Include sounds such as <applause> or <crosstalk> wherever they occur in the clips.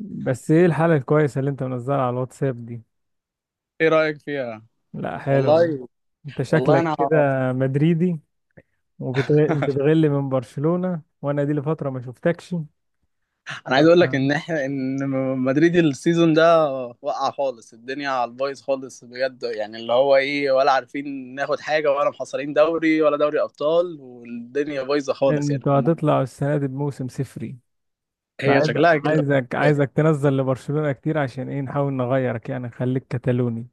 بس ايه الحالة الكويسة اللي انت منزلها على الواتساب دي؟ ايه رايك فيها. لا، حلو يعني. والله. انت والله شكلك انا. كده مدريدي، <laughs> وبتغل من برشلونة، وانا دي لفترة ما شفتكش. انا عايز اقول لك آه. ان احنا مدريد السيزون ده وقع خالص، الدنيا على البايظ خالص بجد. يعني اللي هو ايه، ولا عارفين ناخد حاجه، ولا محصلين دوري ولا دوري ابطال، والدنيا بايظه خالص. يعني انتوا هتطلعوا السنة دي بموسم صفري. هي فعايز شكلها كده. عايزك تنزل لبرشلونة كتير، عشان ايه، نحاول نغيرك يعني، نخليك كتالوني.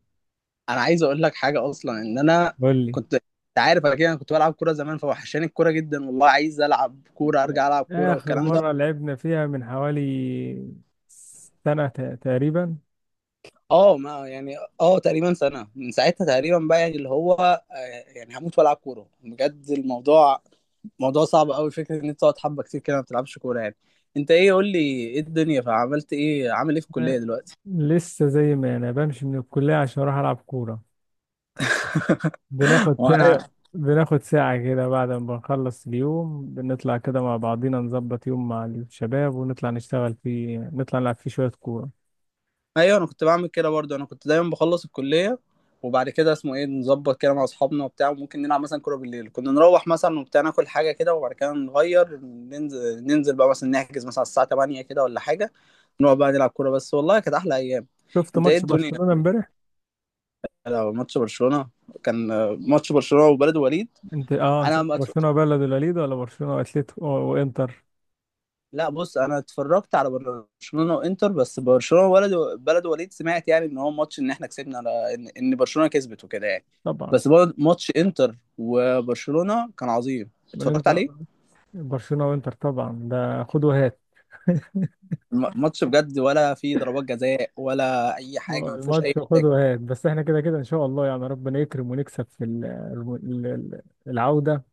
انا عايز اقول لك حاجه، اصلا ان انا قول لي، كنت، انت عارف انا كده، أنا كنت بلعب كوره زمان، فوحشاني الكوره جدا والله، عايز العب كوره، ارجع العب كوره آخر والكلام ده. مرة لعبنا فيها من حوالي سنة تقريبا. اه ما يعني، اه تقريبا سنة، من ساعتها تقريبا بقى. يعني اللي هو آه، يعني هموت والعب كورة بجد. الموضوع موضوع صعب قوي، فكرة ان انت تقعد حبة كتير كده ما بتلعبش كورة يعني. انت ايه قول لي، ايه الدنيا، فعملت ايه، عامل ايه في الكلية آه، دلوقتي؟ لسه زي ما أنا بمشي من الكلية عشان أروح ألعب كورة، بناخد ساعة <laughs> بناخد ساعة كده بعد ما بنخلص اليوم، بنطلع كده مع بعضينا، نظبط يوم مع الشباب ونطلع نشتغل فيه، نطلع نلعب فيه شوية كورة. ايوه، انا كنت بعمل كده برضه، انا كنت دايما بخلص الكليه وبعد كده اسمه ايه نظبط كده مع اصحابنا وبتاع، وممكن نلعب مثلا كوره بالليل. كنا نروح مثلا وبتاع ناكل حاجه كده، وبعد كده نغير، ننزل بقى مثلا نحجز مثلا على الساعه 8 كده، ولا حاجه نقعد بقى نلعب كوره بس. والله كانت احلى ايام. شفت انت ايه ماتش الدنيا؟ برشلونة امبارح؟ لو ماتش برشلونه كان آه، ماتش برشلونه وبلد وليد. انت انا شفت ما أتف- برشلونة وبلد الوليد، ولا برشلونة واتليتيكو وانتر؟ لا بص انا اتفرجت على برشلونه وانتر بس. برشلونه ولد بلد وليد سمعت يعني ان هو ماتش، ان احنا كسبنا، على ان برشلونه كسبت وكده يعني. طبعا. بس برضه ماتش انتر وبرشلونه كان عظيم بل اتفرجت انت عليه. برشلونة وانتر طبعا، ده خد وهات. <laughs> ماتش بجد، ولا فيه ضربات جزاء ولا اي حاجه، ما فيهوش اي الماتش خد مشاكل. وهات، بس احنا كده كده ان شاء الله يعني، ربنا يكرم ونكسب في العودة،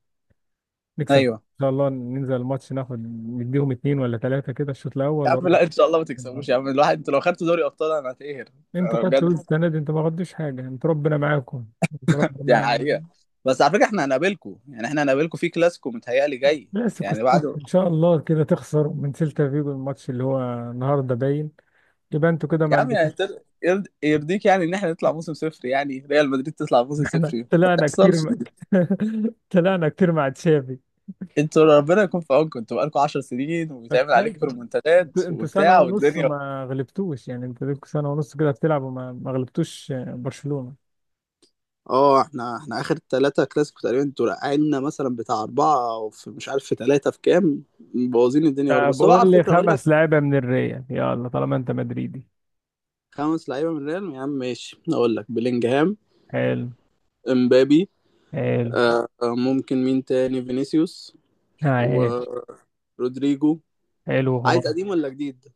نكسب ان ايوه. شاء الله، ننزل الماتش ناخد، نديهم اتنين ولا تلاتة كده الشوط يا الاول، عم وربنا لا ان شاء الله ما يكرم. تكسبوش، يا عم الواحد انتوا لو خدتوا دوري ابطال انا هتقهر. انتوا انا خدتوا بجد السنة دي؟ انتوا ما خدتوش حاجة، انتوا ربنا معاكم، انتوا دي ربنا حقيقه. بس على فكره احنا هنقابلكم، يعني احنا هنقابلكم في كلاسيكو متهيألي جاي كلاسيكو يعني الصف بعد. ان شاء الله، كده تخسر من سيلتا فيجو الماتش اللي هو النهارده باين، يبقى انتوا كده ما يا عم يعني عندكوش. يرضيك يعني ان احنا نطلع موسم صفر، يعني ريال مدريد تطلع موسم <laughs> احنا صفر ما طلعنا كتير <laughs> تحصلش. طلعنا كتير مع تشافي. انتوا ربنا يكون في عونكم، انتوا بقالكم 10 سنين وبيتعمل عليكم فكمان، انت ريمونتادات انت سنة وبتاع ونص والدنيا. ما غلبتوش يعني، انت لكم سنة ونص كده بتلعب، وما ما غلبتوش برشلونة. اه احنا اخر ثلاثة كلاسيكو تقريبا انتوا رقعنا مثلا بتاع اربعة، او في مش عارف، في ثلاثة، في كام. مبوظين الدنيا خالص. طب بس هو قول على لي فكرة اقول لك. خمس لعيبة من الريال، يلا طالما انت مدريدي. خمس لعيبة من ريال، يا عم ماشي اقول لك بلينجهام، حلو. امبابي، حلو. آه آه، ممكن مين تاني، فينيسيوس، عايش. ورودريجو. حلو عايز خالص. قديم ولا جديد؟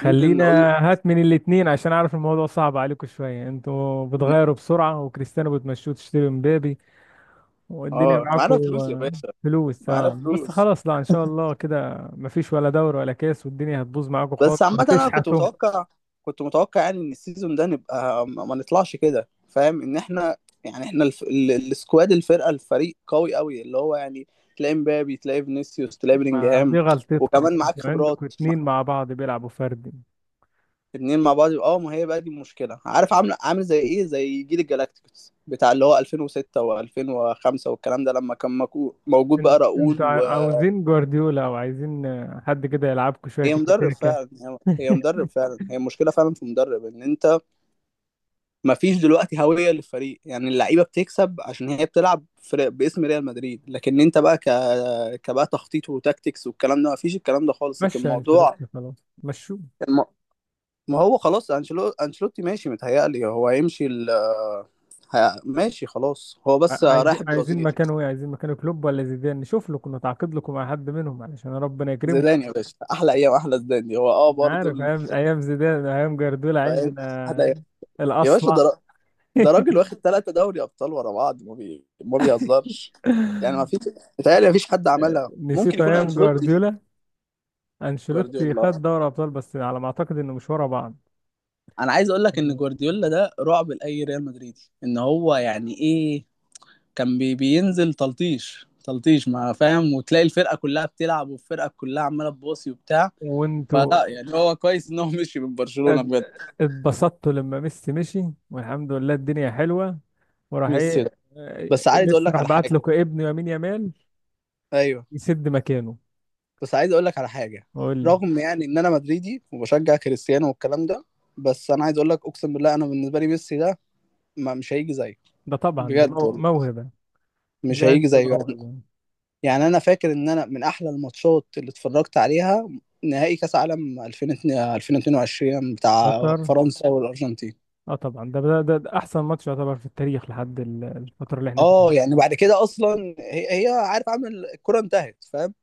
ممكن اقول هات من الاتنين عشان اعرف الموضوع صعب عليكم شوية. انتوا بتغيروا بسرعة، وكريستيانو بتمشوه تشتري مبابي، والدنيا اه معاكم. معانا فلوس يا باشا. فلوس، معانا اه، بس فلوس. خلاص، لا ان شاء الله كده مفيش ولا دوري ولا كاس، والدنيا هتبوظ معاكم خالص بس عامة انا كنت وهتشحتوا. متوقع، كنت متوقع يعني ان السيزون ده نبقى ما نطلعش كده، فاهم ان احنا. يعني احنا السكواد، الفرقة، الفريق قوي قوي اللي هو يعني تلاقي مبابي، تلاقي فينيسيوس، تلاقي ما دي بلينجهام. غلطتكم وكمان انتوا، معاك خبرات عندكم مع- اتنين مع بعض بيلعبوا فردي. اتنين مع بعض. اه ما هي بقى دي المشكلة. عارف عامل عامل زي ايه، زي جيل الجالاكتيكوس بتاع اللي هو 2006 و2005 والكلام ده، لما كان موجود بقى راؤول انتوا و... عاوزين جوارديولا، او عايزين حد كده يلعبكم شويه هي تيكي مدرب تاكا. فعلا، هي مدرب فعلا، هي المشكله فعلا في مدرب. ان انت مفيش دلوقتي هويه للفريق، يعني اللعيبه بتكسب عشان هي بتلعب فرق باسم ريال مدريد، لكن انت بقى كبقى تخطيط وتاكتكس والكلام ده مفيش، الكلام ده خالص، لكن مشى الموضوع انشيلوتي خلاص، مشوه. الم... ما هو خلاص انشيلوتي ماشي، متهيألي هو هيمشي ماشي خلاص، هو بس رايح عايزين البرازيل. مكانه ايه؟ عايزين مكانه كلوب ولا زيدان؟ نشوف لكم، نتعاقد لكم مع حد منهم علشان ربنا يكرمكم. زيدان يا باشا احلى ايام، احلى زيدان دي هو اه انا برضه عارف، ايام ايام زيدان، ايام جوارديولا فاهم. احلى ايام عندنا يا باشا. الاصلع. ده ده راجل واخد <laughs> ثلاثة دوري ابطال ورا بعض ما بيهزرش. يعني ما فيش، متهيألي ما فيش حد عملها، ممكن نسيت يكون ايام انشيلوتي. جوارديولا. انشيلوتي جوارديولا، خد دوري ابطال، بس على ما اعتقد انه مش ورا بعض. انا عايز اقول لك ان جوارديولا ده رعب لاي ريال مدريدي، ان هو يعني ايه، كان بينزل تلطيش تلطيش ما فاهم، وتلاقي الفرقة كلها بتلعب والفرقة كلها عمالة تباصي وبتاع. وانتوا فلا يعني هو كويس ان هو مشي من برشلونة ات- بجد. اتبسطت لما ميسي مشي، والحمد لله الدنيا حلوة. وراح ميسي ده ايه؟ بس عايز اقول ميسي لك راح على بعت حاجة. لكم ابنه يمين يمال ايوه يسد مكانه. بس عايز اقول لك على حاجه. وقول لي، رغم يعني ان انا مدريدي وبشجع كريستيانو والكلام ده، بس انا عايز اقول لك اقسم بالله، انا بالنسبه لي ميسي ده ما مش هيجي زيه ده طبعا ده بجد والله. موهبة، مش دي هيجي عنده زيه يعني. موهبة. يعني انا فاكر ان انا من احلى الماتشات اللي اتفرجت عليها نهائي كاس عالم 2002 2022 بتاع قطر. فرنسا والارجنتين. اه طبعا، ده احسن ماتش يعتبر في التاريخ لحد الفترة اللي احنا فيها. اه يعني بعد كده اصلا هي عارف عامل الكره انتهت فاهم.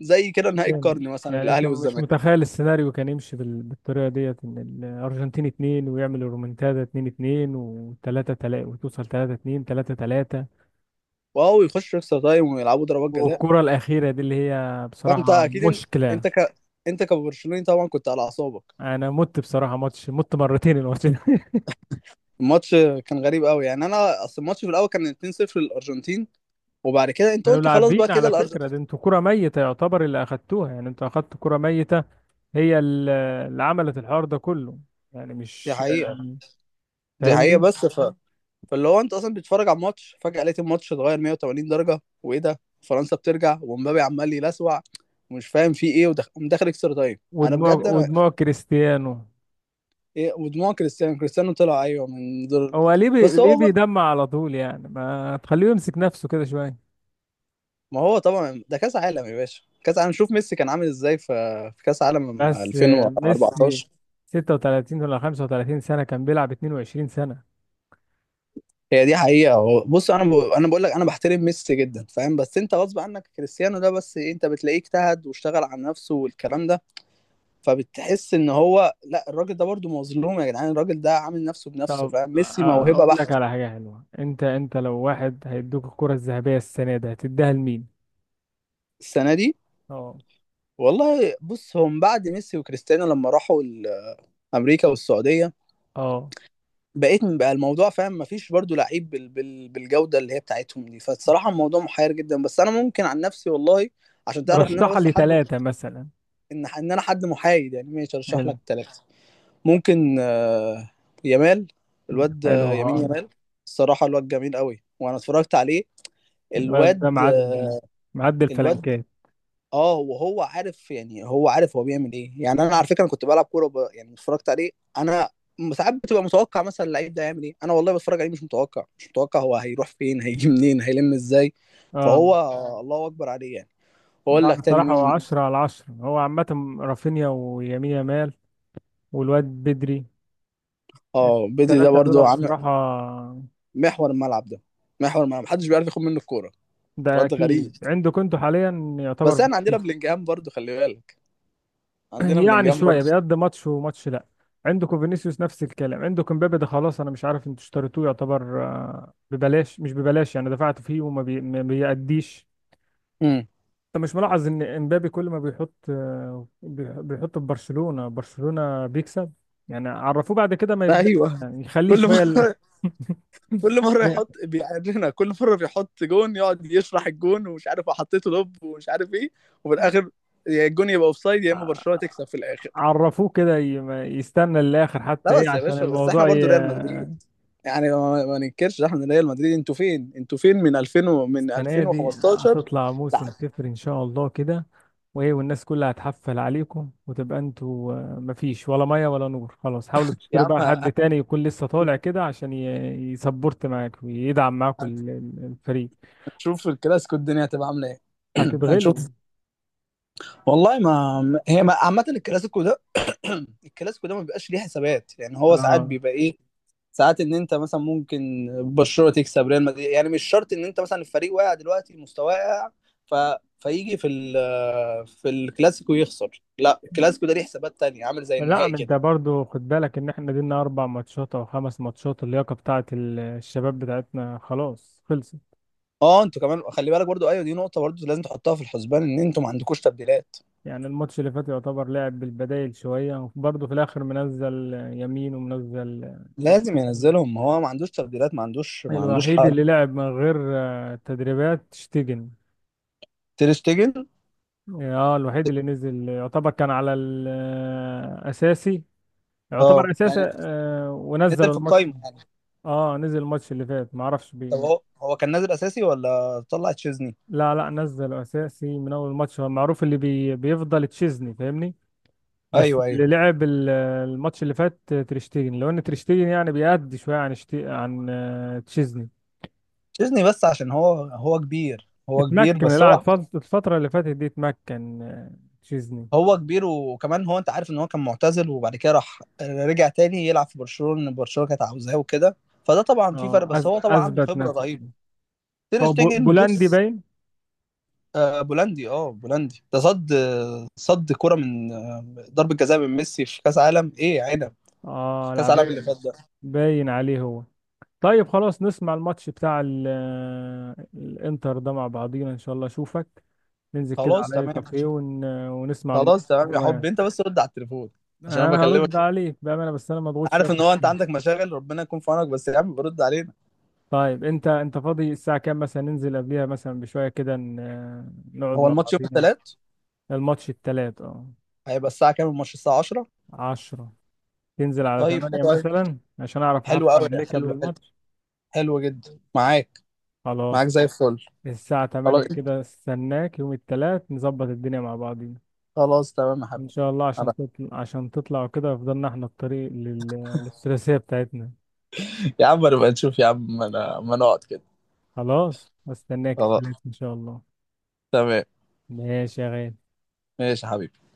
زي كده نهائي يعني القرن مثلا يعني انت الاهلي مش والزمالك. متخيل السيناريو كان يمشي بالطريقة ديت، ان الارجنتين اتنين، ويعمل الرومنتادا اتنين اتنين وتلاتة تلاتة، وتوصل تلاتة اتنين، تلاتة تلاتة. واو، يخش اكسترا تايم ويلعبوا ضربات جزاء. والكرة الأخيرة دي اللي هي فانت بصراحة اكيد انت مشكلة. انت ك... انت كبرشلوني طبعا كنت على اعصابك. أنا مت بصراحة، ماتش مت مرتين الماتش ده. <laughs> الماتش كان غريب قوي يعني، انا اصل الماتش في الاول كان 2-0 للارجنتين، وبعد كده انت كانوا قلت خلاص بقى لاعبين كده على فكرة، الارجنتين. ده انتوا كرة ميتة يعتبر اللي أخدتوها، يعني انتوا أخدتوا كرة ميتة، هي اللي عملت الحوار ده كله، يعني، دي مش حقيقه دي حقيقه فاهمني؟ بس فاللي هو انت اصلا بتتفرج على الماتش، فجاه لقيت الماتش اتغير 180 درجه وايه ده، فرنسا بترجع ومبابي عمال يلسوع ومش فاهم في ايه، ومدخل اكسترا تايم انا ودموع بجد انا. ودموع كريستيانو، إيه ودموع كريستيانو، كريستيانو طلع ايوه من دور هو بس ليه هو. بيدمع على طول؟ يعني ما تخليه يمسك نفسه كده شوية. ما هو طبعا ده كاس عالم يا باشا، كاس عالم. شوف ميسي كان عامل ازاي في في كاس عالم بس ميسي 2014. 36 ولا 35 سنة، كان بيلعب 22 سنة. هي دي حقيقة، هو بص انا انا بقول لك انا بحترم ميسي جدا فاهم، بس انت غصب عنك كريستيانو ده بس إيه، انت بتلاقيه اجتهد واشتغل على نفسه والكلام ده، فبتحس ان هو لا الراجل ده برضه مظلوم يا جدعان، الراجل ده عامل نفسه بنفسه طب فاهم. ميسي موهبة اقول لك بحت. على حاجه حلوه، انت لو واحد هيدوك الكره الذهبيه السنه دي، هتديها لمين؟ السنة دي اه. والله بص، هم بعد ميسي وكريستيانو لما راحوا امريكا والسعودية، اه. بقى الموضوع فاهم، مفيش برضو لعيب بالجودة اللي هي بتاعتهم دي. فالصراحة الموضوع محير جدا. بس انا ممكن عن نفسي والله، عشان تعرف ان انا رشح بس لي حد، ثلاثه مثلا. ان انا حد محايد يعني ماشي ارشح حلو. لك ثلاثة. ممكن آه، يامال، الواد حلو، آه، يمين هقول. يامال. الصراحة الواد جميل قوي وانا اتفرجت عليه. الواد ده الواد آه، معدي معدي الواد الفلنكات. اه. وهو عارف، يعني هو عارف هو بيعمل ايه، يعني انا على فكره انا كنت بلعب كوره يعني اتفرجت عليه. انا ساعات بتبقى متوقع مثلا اللعيب ده هيعمل ايه، انا والله بتفرج عليه مش متوقع مش متوقع هو هيروح فين هيجي منين هيلم ازاي. اه. فهو آه. الله اكبر عليه يعني. واقول لا لك تاني بصراحه، هو مين. 10 على 10 هو عامه، رافينيا ويمين يامال والواد بدري، اه بدري ده الثلاثه دول برضو عامل بصراحه محور الملعب ده. محور الملعب محدش بيعرف ياخد منه الكوره. ده واد غريب. اكيد عندك انتوا حاليا بس يعتبر. انا عندنا بلينجهام برضو خلي بالك، عندنا يعني بلينجهام شويه برضو. بيقضي ماتش وماتش لا. عندكم فينيسيوس نفس الكلام، عندكم مبابي ده خلاص، انا مش عارف انتوا اشتريتوه يعتبر ببلاش مش ببلاش يعني، دفعت فيه ما بيأديش. امم. انت مش ملاحظ ان امبابي كل ما بيحط بيحط في برشلونه، برشلونه بيكسب؟ يعني عرفوه، بعد كده ما يبدأ ايوه. يعني يخليه كل شويه ال- مره كل مره <laughs> يحط بيعرفنا، كل مره بيحط جون يقعد يشرح الجون ومش عارف وحطيته لوب ومش عارف ايه. وفي الاخر يا الجون يبقى اوفسايد يا اما برشلونه تكسب في الاخر. عرفوه كده، ما يستنى للاخر حتى لا ايه بس يا عشان باشا، بس احنا الموضوع. برضو ريال مدريد، يعني ما ننكرش احنا ريال مدريد. انتوا فين انتوا فين من 2000 و... من السنة دي 2015. هتطلع لا موسم صفر إن شاء الله كده، وإيه، والناس كلها هتحفل عليكم، وتبقى أنتوا مفيش ولا مية ولا نور خلاص، حاولوا يا تشتروا عم بقى حد هنشوف. تاني يكون لسه طالع كده عشان يسبورت معاك، ويدعم معاكم الفريق. هنشوف في الكلاسيكو الدنيا هتبقى عامله ايه. هنشوف هتتغلبوا. والله. ما هي عامه الكلاسيكو ده <clears throat> الكلاسيكو ده ما بيبقاش ليه حسابات، يعني هو ساعات اه، بيبقى ايه، ساعات ان انت مثلا ممكن برشلونه تكسب ريال مدريد، يعني مش شرط ان انت مثلا الفريق واقع دلوقتي مستواه واقع ف... فيجي في ال... في الكلاسيكو يخسر. لا الكلاسيكو ده ليه حسابات تانية عامل زي لا، النهائي ما انت كده. برضو خد بالك ان احنا دينا اربع ماتشات او خمس ماتشات، اللياقة بتاعت الشباب بتاعتنا خلاص خلصت. اه انتوا كمان خلي بالك برضو، ايوه دي نقطه برضو لازم تحطها في الحسبان ان انتوا ما عندكوش تبديلات. يعني الماتش اللي فات يعتبر لعب بالبدايل شوية، وبرضه في الآخر منزل يمين ومنزل ناس لازم تانية. ينزلهم، ما هو ما عندوش تبديلات، ما عندوش الوحيد حل. اللي لعب من غير تدريبات شتيجن. تير شتيجن اه، الوحيد اللي نزل يعتبر كان على الأساسي، اه يعتبر أساسي، يعني ونزل نزل في الماتش. القايمه يعني. اه، نزل الماتش اللي فات، معرفش طب بي... هو كان نازل اساسي ولا طلع تشيزني؟ لا، لا، نزل أساسي من أول الماتش، هو معروف اللي بيفضل تشيزني، فاهمني؟ بس ايوه اللي ايوه. لعب الماتش اللي فات تريشتيجن، لو ان تريشتيجن يعني بيأدي شويه عن تشيزني، ديزني، بس عشان هو، كبير اتمكن بس اللاعب هو، الفتره اللي فاتت دي، اتمكن تشيزني. هو كبير وكمان هو. انت عارف ان هو كان معتزل وبعد كده راح رجع تاني يلعب في برشلونة، برشلونة كانت عاوزاه وكده، فده طبعا في فرق اه، بس هو طبعا عنده اثبت خبرة نفسه. رهيبة. تير هو شتيجن بولندي بص، باين. آه بولندي اه بولندي ده صد كرة من آه، ضربة جزاء من ميسي في كأس عالم ايه يا عنب. في اه، كأس لعب، عالم اللي فات ده. باين عليه هو. طيب خلاص، نسمع الماتش بتاع الانتر ده مع بعضينا ان شاء الله، اشوفك ننزل كده خلاص على اي تمام. كافيه ونسمع الماتش خلاص تمام يا سوا يعني. حبي، انت بس رد على التليفون عشان انا انا بكلمك، هرد عليك بامانه، بس انا مضغوط شويه عارف في ان هو انت الشغل. عندك مشاغل، ربنا يكون في عونك بس يا عم برد علينا. طيب انت فاضي الساعة كام مثلا؟ ننزل قبليها مثلا بشوية كده، نقعد هو مع الماتش يوم بعضينا. الثلاث. الماتش التلات، هيبقى الساعة كام الماتش، الساعة 10. 10. تنزل على طيب 8 حلو أوي، مثلا عشان اعرف احفل حلو أوي، عليك قبل حلو حلو الماتش. حلو جدا معاك. معاك خلاص. زي الفل. الساعة خلاص. 8 كده، استناك يوم التلات، نظبط الدنيا مع بعضينا، خلاص تمام يا ان حبيبي. شاء الله عشان خلاص. تطلع عشان تطلع كده فضلنا احنا الطريق للثلاثية بتاعتنا. يا عم نبقى نشوف، يا عم ما انا ما نقعد كده. خلاص، استناك التلات خلاص ان شاء الله. تمام. ماشي يا غالي. ماشي يا حبيبي.